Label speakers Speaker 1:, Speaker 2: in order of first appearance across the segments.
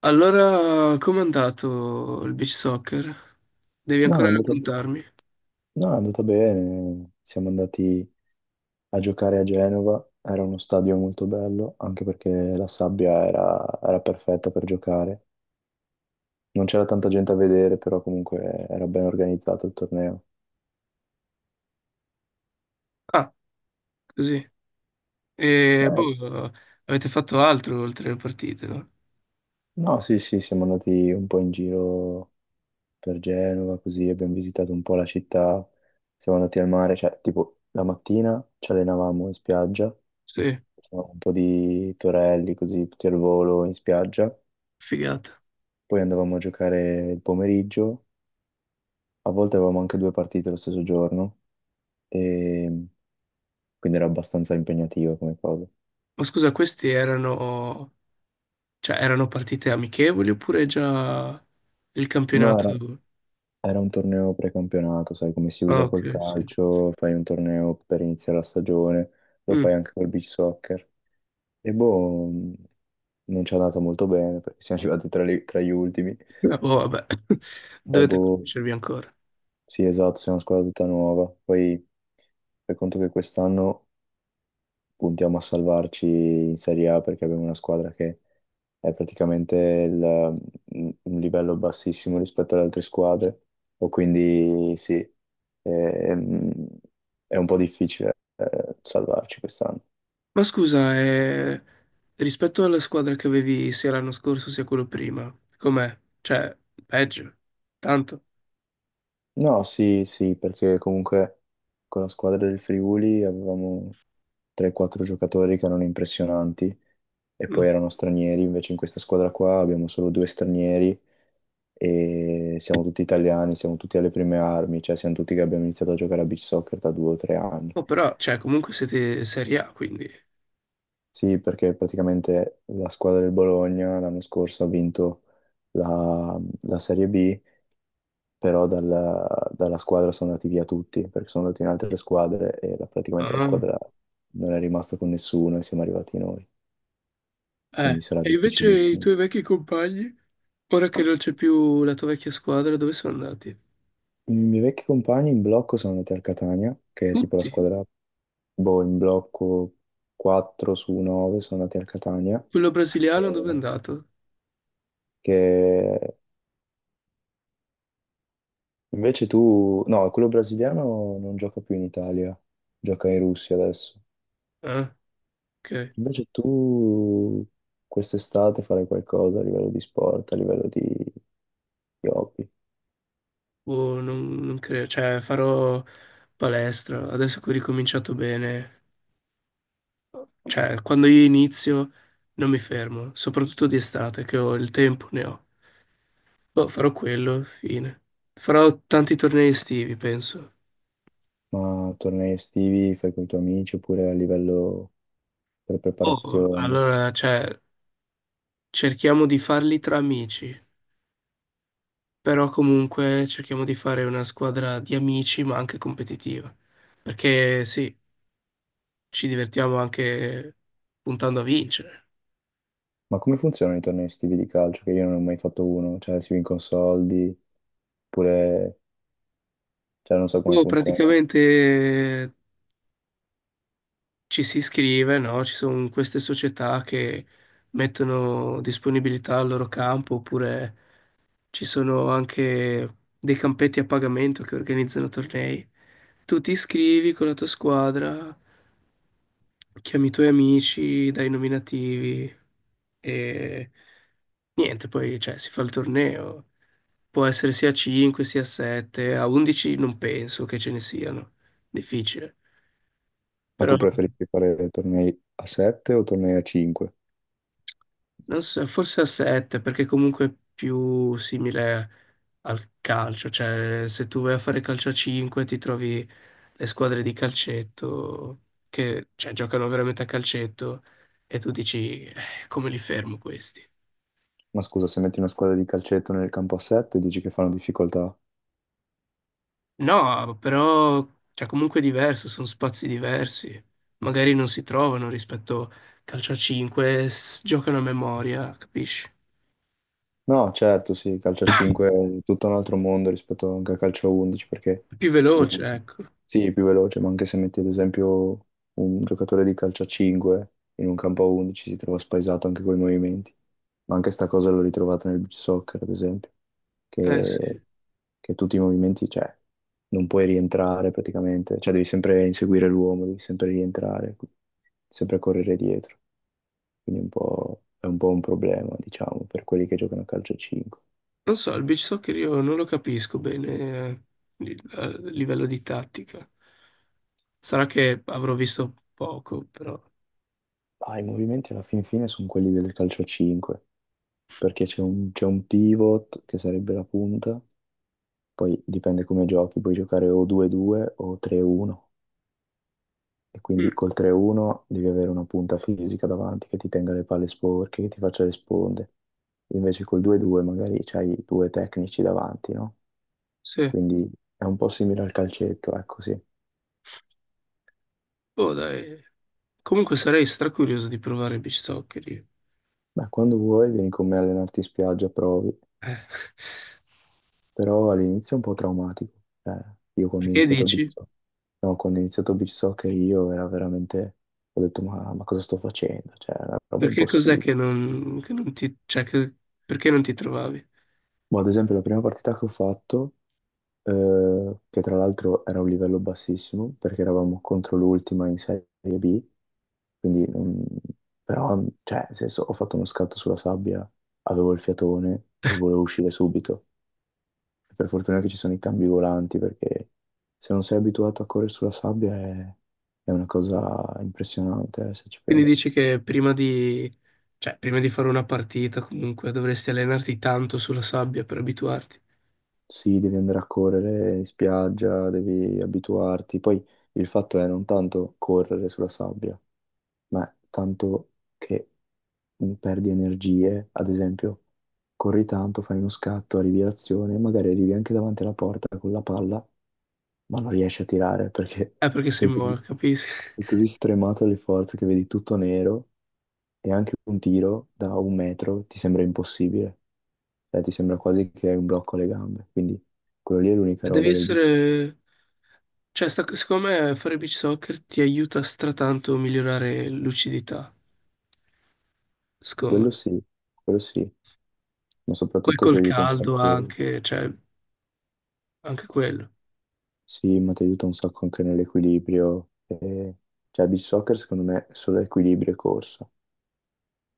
Speaker 1: Allora, com'è andato il beach soccer? Devi
Speaker 2: No,
Speaker 1: ancora
Speaker 2: è andata,
Speaker 1: raccontarmi.
Speaker 2: no, è andata bene. Siamo andati a giocare a Genova, era uno stadio molto bello, anche perché la sabbia era perfetta per giocare. Non c'era tanta gente a vedere, però comunque era ben organizzato il torneo.
Speaker 1: Ah, così. E
Speaker 2: Eh,
Speaker 1: boh, avete fatto altro oltre le partite, no?
Speaker 2: no, sì, sì, siamo andati un po' in giro per Genova, così abbiamo visitato un po' la città, siamo andati al mare, cioè tipo la mattina ci allenavamo in spiaggia,
Speaker 1: Sì,
Speaker 2: facevamo un po' di torelli così tutti al volo in spiaggia.
Speaker 1: figata.
Speaker 2: Poi andavamo a giocare il pomeriggio, a volte avevamo anche due partite lo stesso giorno, e quindi era abbastanza impegnativa come cosa.
Speaker 1: Ma scusa, queste erano, cioè, erano partite amichevoli oppure già il
Speaker 2: No, era,
Speaker 1: campionato?
Speaker 2: era un torneo precampionato, sai come si
Speaker 1: Ah,
Speaker 2: usa
Speaker 1: ok,
Speaker 2: col
Speaker 1: sì.
Speaker 2: calcio, fai un torneo per iniziare la stagione, lo
Speaker 1: Mm.
Speaker 2: fai anche col beach soccer. E boh, non ci è andato molto bene perché siamo arrivati tra gli ultimi.
Speaker 1: Ah, boh, vabbè,
Speaker 2: Però
Speaker 1: dovete
Speaker 2: boh,
Speaker 1: conoscervi ancora.
Speaker 2: sì, esatto, siamo una squadra tutta nuova. Poi fai conto che quest'anno puntiamo a salvarci in Serie A perché abbiamo una squadra che è praticamente il- un livello bassissimo rispetto alle altre squadre, o quindi sì, ehm, è un po' difficile salvarci quest'anno.
Speaker 1: Ma scusa, rispetto alla squadra che avevi sia l'anno scorso sia quello prima, com'è? Cioè, peggio? Tanto?
Speaker 2: No, sì, sì, perché comunque con la squadra del Friuli avevamo 3-4 giocatori che erano impressionanti e poi
Speaker 1: Mm.
Speaker 2: erano stranieri, invece in questa squadra qua abbiamo solo due stranieri e siamo tutti italiani, siamo tutti alle prime armi, cioè siamo tutti che abbiamo iniziato a giocare a beach soccer da 2 o 3 anni.
Speaker 1: Oh, però, cioè, comunque siete Serie A, quindi...
Speaker 2: Sì, perché praticamente la squadra del Bologna l'anno scorso ha vinto la, la Serie B, però dalla squadra sono andati via tutti, perché sono andati in altre squadre e praticamente la
Speaker 1: Ah.
Speaker 2: squadra non è rimasta con nessuno e siamo arrivati noi, quindi sarà
Speaker 1: E invece i
Speaker 2: difficilissimo.
Speaker 1: tuoi vecchi compagni, ora che non c'è più la tua vecchia squadra, dove sono andati?
Speaker 2: I miei vecchi compagni in blocco sono andati al Catania, che è tipo la
Speaker 1: Tutti?
Speaker 2: squadra boh, in blocco 4 su 9 sono andati al Catania,
Speaker 1: Quello brasiliano dove è
Speaker 2: che,
Speaker 1: andato?
Speaker 2: che no, quello brasiliano non gioca più in Italia, gioca in Russia adesso.
Speaker 1: Ah, ok.
Speaker 2: Invece tu quest'estate farai qualcosa a livello di sport, a livello di hobby,
Speaker 1: Boh, non credo, cioè, farò palestra, adesso che ho ricominciato bene... Cioè, quando io inizio non mi fermo, soprattutto di estate, che ho il tempo, ne ho. Boh, farò quello, fine. Farò tanti tornei estivi, penso.
Speaker 2: ma tornei estivi fai con i tuoi amici oppure a livello per
Speaker 1: Boh,
Speaker 2: preparazione.
Speaker 1: allora, cioè, cerchiamo di farli tra amici, però comunque cerchiamo di fare una squadra di amici, ma anche competitiva. Perché sì, ci divertiamo anche puntando a vincere.
Speaker 2: Ma come funzionano i tornei estivi di calcio? Che io non ho mai fatto uno, cioè si vincono soldi, oppure cioè, non so come
Speaker 1: Boh,
Speaker 2: funziona.
Speaker 1: praticamente ci si iscrive, no? Ci sono queste società che mettono disponibilità al loro campo, oppure ci sono anche dei campetti a pagamento che organizzano tornei. Tu ti iscrivi con la tua squadra, chiami i tuoi amici, dai nominativi e niente, poi cioè, si fa il torneo. Può essere sia a 5, sia a 7, a 11 non penso che ce ne siano, difficile.
Speaker 2: Ma
Speaker 1: Però.
Speaker 2: tu preferisci fare tornei a 7 o tornei a 5?
Speaker 1: Non so, forse a 7, perché comunque è più simile al calcio, cioè se tu vai a fare calcio a 5 ti trovi le squadre di calcetto che cioè, giocano veramente a calcetto e tu dici come li fermo questi?"
Speaker 2: Ma scusa, se metti una squadra di calcetto nel campo a 7, dici che fanno difficoltà?
Speaker 1: No, però cioè, comunque è diverso, sono spazi diversi, magari non si trovano rispetto calcio a 5, giocano a memoria, capisci?
Speaker 2: No, certo, sì, calcio a 5 è tutto un altro mondo rispetto anche a calcio a 11 perché,
Speaker 1: È più
Speaker 2: ad
Speaker 1: veloce,
Speaker 2: esempio,
Speaker 1: ecco.
Speaker 2: sì, è più veloce, ma anche se metti ad esempio un giocatore di calcio a 5 in un campo a 11 si trova spaesato anche con i movimenti. Ma anche sta cosa l'ho ritrovata nel beach soccer, ad esempio,
Speaker 1: Eh
Speaker 2: che,
Speaker 1: sì.
Speaker 2: che tutti i movimenti, cioè, non puoi rientrare praticamente, cioè devi sempre inseguire l'uomo, devi sempre rientrare, sempre correre dietro quindi è un po' un problema, diciamo, per quelli che giocano a calcio 5.
Speaker 1: Non so, il beach soccer io non lo capisco bene a livello di tattica. Sarà che avrò visto poco, però.
Speaker 2: Ah, i movimenti alla fin fine sono quelli del calcio 5, perché c'è un pivot che sarebbe la punta, poi dipende come giochi, puoi giocare o 2-2 o 3-1, e
Speaker 1: Mm.
Speaker 2: quindi col 3-1 devi avere una punta fisica davanti che ti tenga le palle sporche, che ti faccia le sponde. Invece col 2-2 magari c'hai due tecnici davanti, no?
Speaker 1: Sì,
Speaker 2: Quindi è un po' simile al calcetto, ecco sì.
Speaker 1: boh, dai. Comunque sarei stracurioso di provare beach soccer io.
Speaker 2: Beh, quando vuoi vieni con me a allenarti in spiaggia, provi.
Speaker 1: Eh,
Speaker 2: Però all'inizio è un po' traumatico. Cioè, io quando ho
Speaker 1: Perché
Speaker 2: iniziato a beach
Speaker 1: dici?
Speaker 2: soccer, no, quando ho iniziato a beach soccer io era veramente, ho detto ma cosa sto facendo? Cioè, è una roba
Speaker 1: Perché cos'è
Speaker 2: impossibile.
Speaker 1: che non ti, cioè, perché non ti trovavi?
Speaker 2: Boh, ad esempio la prima partita che ho fatto, che tra l'altro era un livello bassissimo, perché eravamo contro l'ultima in Serie B, quindi però, cioè, nel senso, ho fatto uno scatto sulla sabbia, avevo il fiatone e volevo uscire subito. Per fortuna che ci sono i cambi volanti perché se non sei abituato a correre sulla sabbia è una cosa impressionante, se ci
Speaker 1: Quindi
Speaker 2: pensi.
Speaker 1: dici che prima di, cioè, prima di fare una partita comunque dovresti allenarti tanto sulla sabbia per abituarti.
Speaker 2: Sì, devi andare a correre in spiaggia, devi abituarti. Poi il fatto è non tanto correre sulla sabbia, ma tanto che perdi energie, ad esempio, corri tanto, fai uno scatto, arrivi all'azione, magari arrivi anche davanti alla porta con la palla, ma non riesci a tirare perché
Speaker 1: Perché sei
Speaker 2: sei così.
Speaker 1: morto, capisci?
Speaker 2: È così stremato le forze che vedi tutto nero e anche un tiro da un metro ti sembra impossibile. Cioè, ti sembra quasi che hai un blocco alle gambe. Quindi quello lì è l'unica
Speaker 1: Devi
Speaker 2: roba del bici.
Speaker 1: essere, cioè, secondo me fare beach soccer ti aiuta stratanto a migliorare lucidità, secondo
Speaker 2: Quello
Speaker 1: me.
Speaker 2: sì, quello sì, ma
Speaker 1: Poi
Speaker 2: soprattutto ti
Speaker 1: col
Speaker 2: aiuta un
Speaker 1: caldo
Speaker 2: sacco.
Speaker 1: anche, cioè, anche quello.
Speaker 2: Sì, ma ti aiuta un sacco anche nell'equilibrio. E cioè, beach soccer secondo me è solo equilibrio e corsa.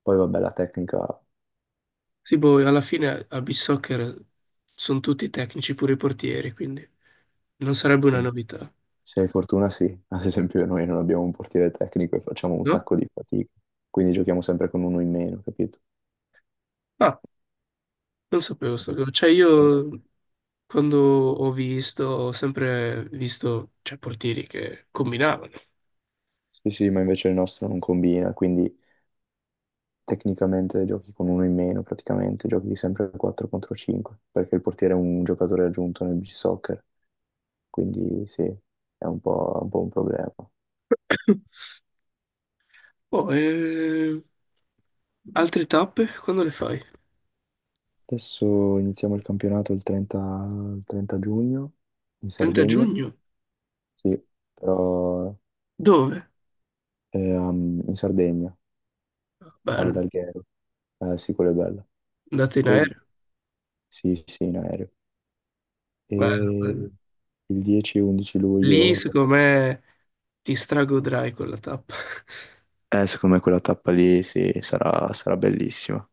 Speaker 2: Poi vabbè, la tecnica
Speaker 1: Sì, boh, alla fine a beach soccer sono tutti tecnici, pure i portieri, quindi non sarebbe una
Speaker 2: sì.
Speaker 1: novità,
Speaker 2: Se hai fortuna sì, ad esempio noi non abbiamo un portiere tecnico e facciamo un
Speaker 1: no?
Speaker 2: sacco di fatica, quindi giochiamo sempre con uno in meno, capito?
Speaker 1: Ah, non sapevo sto
Speaker 2: Perché-
Speaker 1: cosa. Cioè,
Speaker 2: Sì,
Speaker 1: io quando ho visto, ho sempre visto, cioè, portieri che combinavano.
Speaker 2: sì, sì, ma invece il nostro non combina, quindi tecnicamente giochi con uno in meno, praticamente giochi sempre 4 contro 5, perché il portiere è un giocatore aggiunto nel soccer, quindi sì, è un po' un problema.
Speaker 1: Oh, e... Altre tappe, quando le fai?
Speaker 2: Adesso iniziamo il campionato il 30, il 30 giugno in
Speaker 1: 30
Speaker 2: Sardegna,
Speaker 1: giugno?
Speaker 2: sì, però
Speaker 1: Dove?
Speaker 2: in Sardegna. Ah, ad
Speaker 1: Bello,
Speaker 2: Alghero. Sì, quello è bello.
Speaker 1: andate in
Speaker 2: Poi,
Speaker 1: aereo?
Speaker 2: sì, sì, in aereo.
Speaker 1: Bello, bello.
Speaker 2: E il 10 e 11
Speaker 1: Lì,
Speaker 2: luglio.
Speaker 1: secondo me, ti stragodrai quella tappa.
Speaker 2: Secondo me quella tappa lì, sì, sarà bellissima.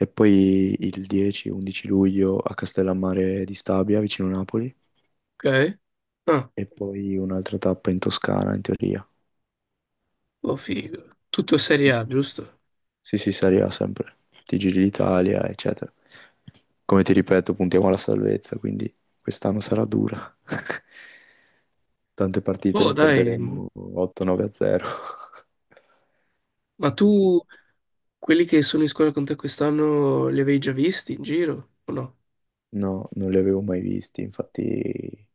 Speaker 2: E poi il 10 e 11 luglio a Castellammare di Stabia, vicino Napoli.
Speaker 1: Ok? Ah,
Speaker 2: E poi un'altra tappa in Toscana, in teoria.
Speaker 1: oh, figo. Tutto
Speaker 2: Sì,
Speaker 1: Serie
Speaker 2: sì.
Speaker 1: A, giusto?
Speaker 2: Sì, sì, sarà sempre. Ti giri l'Italia, eccetera. Come ti ripeto, puntiamo alla salvezza, quindi quest'anno sarà dura. Tante partite
Speaker 1: Oh,
Speaker 2: le
Speaker 1: dai,
Speaker 2: perderemo 8-9 a 0.
Speaker 1: ma
Speaker 2: Sì, sì.
Speaker 1: tu quelli che sono in scuola con te quest'anno li avevi già visti in giro o no?
Speaker 2: No, non li avevo mai visti, infatti,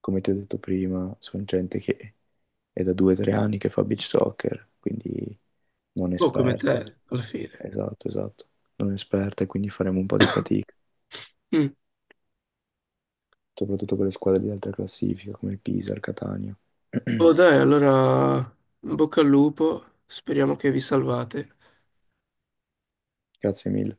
Speaker 2: come ti ho detto prima, sono gente che è da 2-3 anni che fa beach soccer, quindi non
Speaker 1: Oh, come
Speaker 2: esperta.
Speaker 1: te, alla fine.
Speaker 2: Esatto, esatto. Non esperta e quindi faremo un po' di fatica,
Speaker 1: Mm.
Speaker 2: soprattutto per le squadre di alta classifica come il Pisa, il Catania.
Speaker 1: Oh, dai, allora, in bocca al lupo, speriamo che vi salvate.
Speaker 2: Grazie mille.